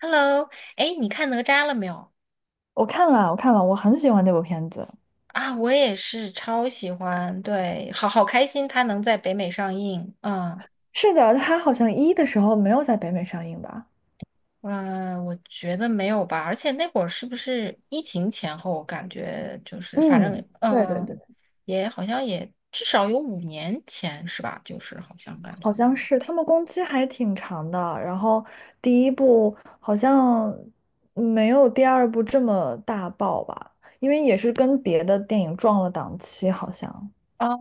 Hello，哎，你看哪吒了没有？我看了，我看了，我很喜欢那部片子。啊，我也是超喜欢，对，好好开心，他能在北美上映。嗯，是的，它好像一的时候没有在北美上映吧？我觉得没有吧，而且那会儿是不是疫情前后？我感觉就是，反正嗯，对对对，也好像也至少有5年前是吧？就是好像感觉。好像是。他们工期还挺长的，然后第一部好像没有第二部这么大爆吧，因为也是跟别的电影撞了档期，好像。哦，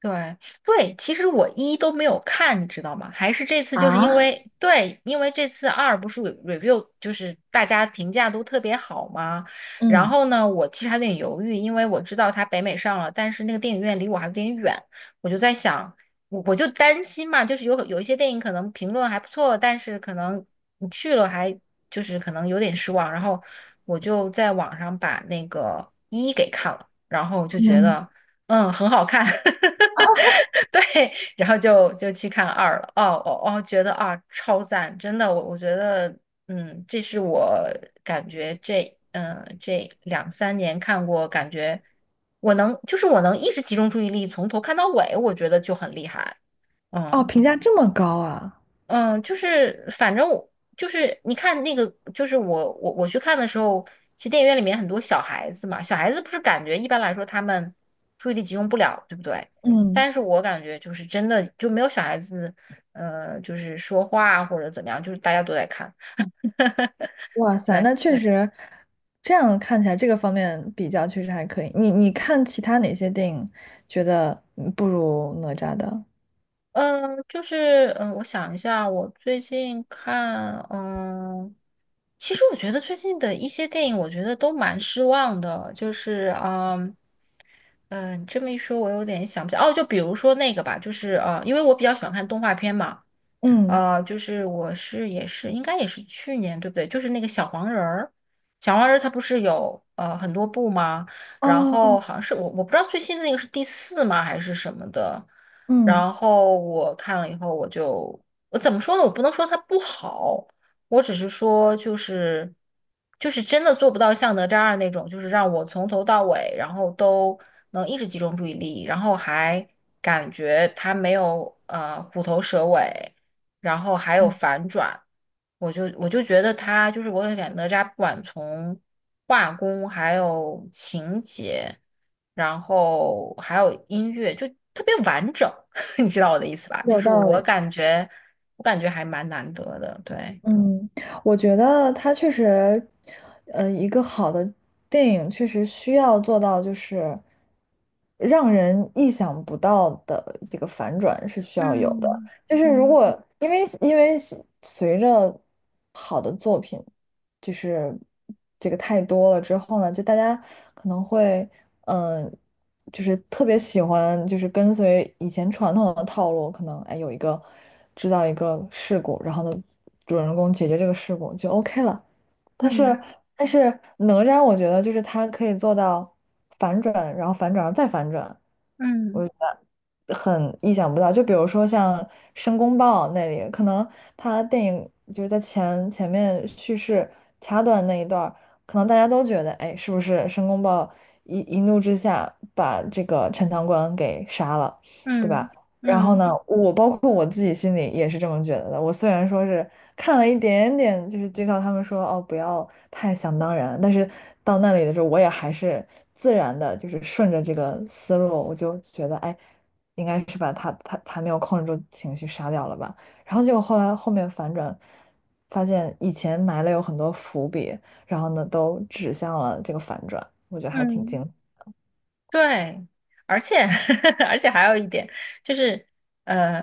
对对，其实我一都没有看，你知道吗？还是这次就是因啊，为对，因为这次二不是 view 就是大家评价都特别好嘛。然嗯后呢，我其实还有点犹豫，因为我知道它北美上了，但是那个电影院离我还有点远，我就在想，我就担心嘛，就是有一些电影可能评论还不错，但是可能你去了还就是可能有点失望。然后我就在网上把那个一给看了，然后就嗯，觉嗯，得很好看。对，然后就去看二了。哦哦哦，觉得啊超赞，真的，我觉得，嗯，这是我感觉这两三年看过，感觉我能一直集中注意力从头看到尾，我觉得就很厉害。哦，嗯评价这么高啊！嗯，就是反正我就是你看那个，就是我去看的时候，其实电影院里面很多小孩子嘛，小孩子不是感觉一般来说他们注意力集中不了，对不对？嗯。但是我感觉就是真的就没有小孩子，就是说话或者怎么样，就是大家都在看。哇塞，对，那确实，这样看起来这个方面比较确实还可以。你看其他哪些电影觉得嗯不如哪吒的？嗯、就是我想一下，我最近看，其实我觉得最近的一些电影，我觉得都蛮失望的，就是。嗯，你这么一说，我有点想不起来。哦，就比如说那个吧，就是，因为我比较喜欢看动画片嘛，嗯，就是我是也是应该也是去年对不对？就是那个小黄人儿，小黄人儿它不是有很多部吗？然哦后哦，好像是我不知道最新的那个是第四吗还是什么的。嗯然后我看了以后，我怎么说呢？我不能说它不好，我只是说就是真的做不到像哪吒2那种，就是让我从头到尾，然后都能一直集中注意力，然后还感觉它没有虎头蛇尾。然后还有嗯，反转，我就觉得他就是我感觉哪吒不管从画工还有情节，然后还有音乐，就特别完整，你知道我的意思吧？就有是道我理。感觉我感觉还蛮难得的，对。嗯，我觉得它确实，一个好的电影确实需要做到就是让人意想不到的这个反转是需要有的。嗯就是如嗯果因为因为随着好的作品，就是这个太多了之后呢，就大家可能会。嗯。就是特别喜欢，就是跟随以前传统的套路，可能哎有一个制造一个事故，然后呢，主人公解决这个事故就 OK 了，但是嗯但是哪吒，我觉得就是他可以做到反转，然后反转，然后再反转，嗯我觉得很意想不到。就比如说像申公豹那里，可能他电影就是在前面叙事掐断那一段儿可能大家都觉得，哎，是不是申公豹一怒之下把这个陈塘关给杀了，对嗯吧？然后嗯，呢，我包括我自己心里也是这么觉得的。我虽然说是看了一点点，就是知道他们说哦不要太想当然，但是到那里的时候，我也还是自然的，就是顺着这个思路，我就觉得哎，应该是把他没有控制住情绪杀掉了吧。然后结果后来后面反转，发现以前埋了有很多伏笔，然后呢都指向了这个反转，我觉得还挺惊对，而且 而且还有一点就是，呃，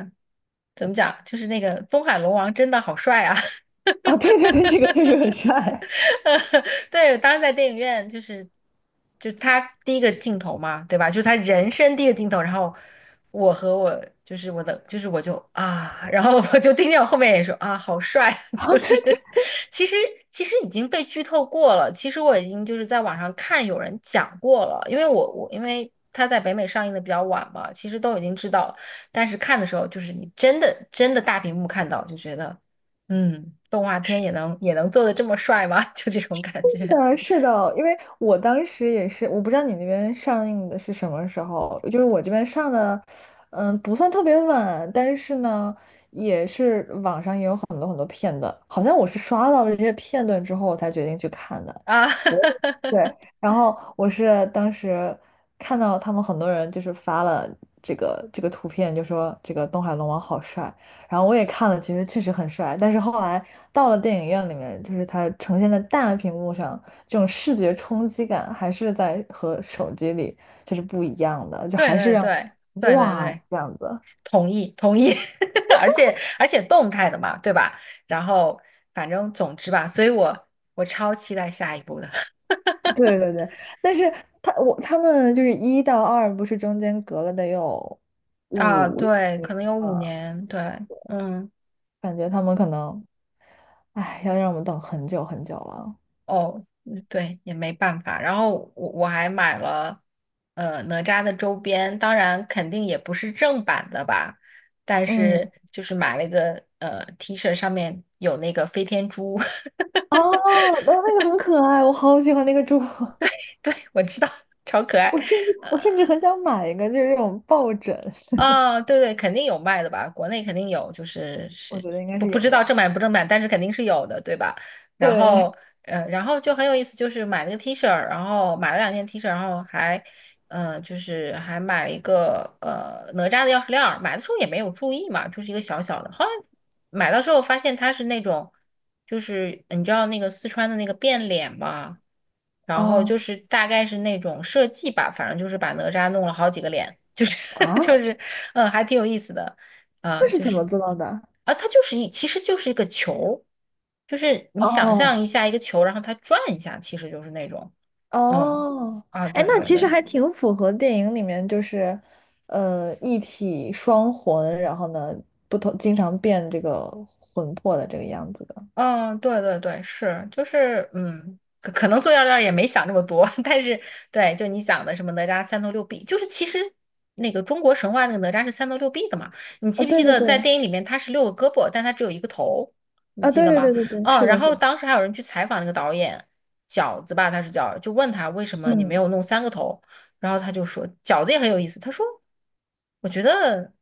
怎么讲？就是那个东海龙王真的好帅啊！啊！哦对对对，这个确实很帅。对，当时在电影院就他第一个镜头嘛，对吧？就是他人生第一个镜头，然后我和我就是我的就是我就啊，然后我就听见我后面也说啊，好帅啊，就啊！是对。其实其实已经被剧透过了，其实我已经就是在网上看有人讲过了，因为他在北美上映的比较晚嘛，其实都已经知道了，但是看的时候就是你真的真的大屏幕看到就觉得。嗯，动画片也能做的这么帅吗？就这种感觉的，是的，因为我当时也是，我不知道你那边上映的是什么时候，就是我这边上的，嗯，不算特别晚，但是呢，也是网上也有。片段好像我是刷到了这些片段之后，我才决定去看的。啊，我对，然后我是当时看到他们很多人就是发了这个图片，就说这个东海龙王好帅，然后我也看了，其实确实很帅，但是后来到了电影院里面，就是它呈现在大屏幕上，这种视觉冲击感还是在和手机里这是不一样的，就对还是对让我对对对哇对，这样子。同意同意，而且动态的嘛，对吧？然后反正总之吧，所以我超期待下一部的 对对对，但是他我他们就是一到二，不是中间隔了得有 啊，五六对，可能有吗？五年，对，嗯。感觉他们可能，哎，要让我们等很久很久了。哦，嗯对，也没办法。然后我还买了哪吒的周边，当然肯定也不是正版的吧，但嗯，是就是买了一个T 恤，上面有那个飞天猪，哦，那那个很可爱，我好喜欢那个猪，对，我知道，超可爱。我甚至我甚至很想买一个，就是这种抱枕，啊、对对，肯定有卖的吧，国内肯定有，就是 我是觉得应该不是不有知道的。正版不正版，但是肯定是有的，对吧？然后，对，然后就很有意思，就是买了个 T 恤儿，然后买了两件 T 恤然后还就是还买了一个哪吒的钥匙链儿，买的时候也没有注意嘛，就是一个小小的。后来买到之后发现它是那种，就是你知道那个四川的那个变脸吧，然后啊就是大概是那种设计吧，反正就是把哪吒弄了好几个脸，就是 就啊，是还挺有意思的啊，那是就怎是么做到的？啊，它就是其实就是一个球，就是你想象哦，一下一个球，然后它转一下，其实就是那种。嗯哦，哎，对那对其实对。还挺符合电影里面就是，呃，一体双魂，然后呢，不同经常变这个魂魄的这个样子的。嗯，对对对，是，就是，可能做药料也没想这么多，但是对，就你讲的什么哪吒三头六臂，就是其实那个中国神话那个哪吒是三头六臂的嘛，你啊，记不记对对得在对，电影里面他是六个胳膊，但他只有一个头，你啊，记对得对吗？对对对，啊，是然的，是后的。当时还有人去采访那个导演饺子吧，他是叫，就问他为什么你没嗯，有弄三个头，然后他就说饺子也很有意思，他说我觉得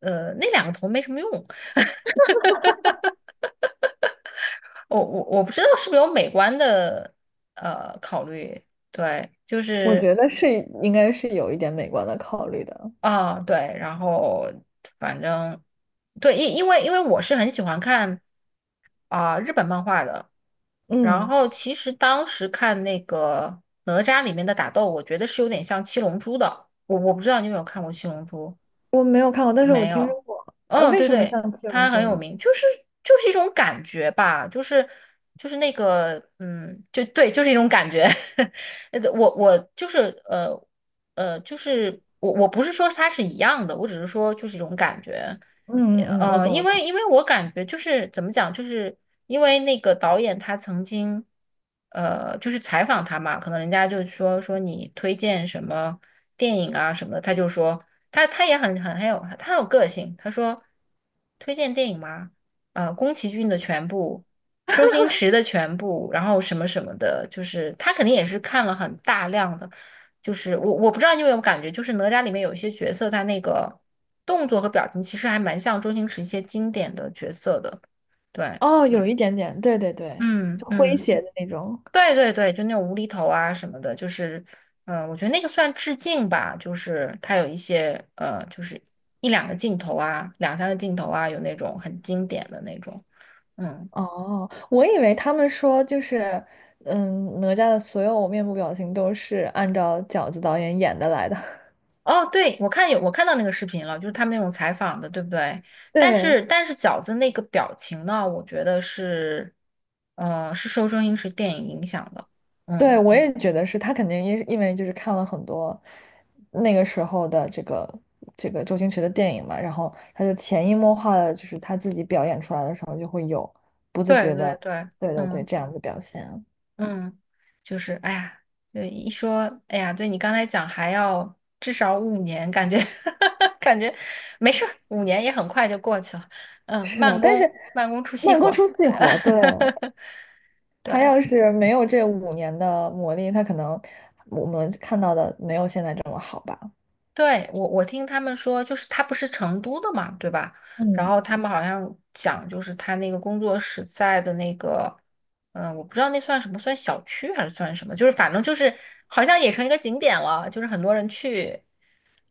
那两个头没什么用，我不知道是不是有美观的考虑，对，就我是觉得是应该是有一点美观的考虑的。啊对，然后反正对，因为我是很喜欢看啊、日本漫画的，然嗯，后其实当时看那个哪吒里面的打斗，我觉得是有点像七龙珠的，我不知道你有没有看过七龙珠。我没有看过，但是我没听说有，过。那、嗯，为对什么对，像七龙它很珠有呢？名，就是一种感觉吧，就是那个，嗯，就对，就是一种感觉。我就是呃就是我不是说它是一样的，我只是说就是一种感觉。嗯嗯嗯，我懂因我懂。为因为我感觉就是怎么讲，就是因为那个导演他曾经，就是采访他嘛，可能人家就说说你推荐什么电影啊什么的，他就说他也很有个性，他说推荐电影吗？宫崎骏的全部，周星驰的全部，然后什么什么的，就是他肯定也是看了很大量的。就是我不知道你有没有感觉，就是哪吒里面有一些角色，他那个动作和表情其实还蛮像周星驰一些经典的角色的。对，哦，有一点点，对对对，嗯就诙嗯，谐的那种。对对对，就那种无厘头啊什么的，就是，嗯、我觉得那个算致敬吧，就是他有一些就是一两个镜头啊，两三个镜头啊，有那种很经典的那种，嗯。哦，我以为他们说就是，嗯，哪吒的所有面部表情都是按照饺子导演演的来的。哦，对，我看有，我看到那个视频了，就是他们那种采访的，对不对？但对，是但是饺子那个表情呢，我觉得是，是受中英式电影影响的。对，嗯，我也觉得是他肯定因为就是看了很多那个时候的这个周星驰的电影嘛，然后他就潜移默化的，就是他自己表演出来的时候就会有不自觉对对的，对，对对对，嗯这样子表现啊。嗯，就是哎呀，就一说，哎呀，对你刚才讲还要至少五年，感觉 感觉没事儿，5年也很快就过去了。嗯，是的，慢但是工慢工出细慢活工儿。出细活，对 他对。要是没有这5年的磨砺，他可能我们看到的没有现在这么好吧？对，我听他们说，就是他不是成都的嘛，对吧？然嗯，后他们好像讲，就是他那个工作室在的那个，嗯、我不知道那算什么，算小区还是算什么？就是反正就是好像也成一个景点了，就是很多人去。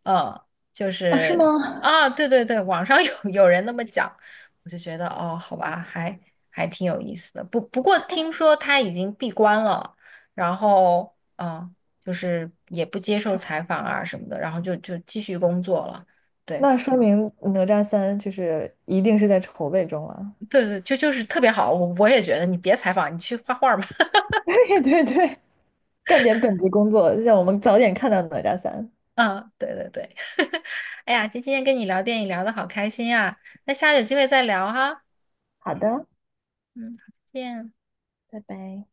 嗯，就啊，是是吗？啊，对对对，网上有人那么讲，我就觉得哦，好吧，还挺有意思的。不过听说他已经闭关了，然后就是也不接受采访啊什么的，然后就继续工作了。对那说明哪吒三就是一定是在筹备中了。对对，就是特别好，我也觉得你别采访，你去画画吧。对对对，干点本职工作，让我们早点看到哪吒三。嗯，对对对，哎呀，今天跟你聊电影聊得好开心呀，那下次有机会再聊哈。好的，嗯，好再见。拜拜。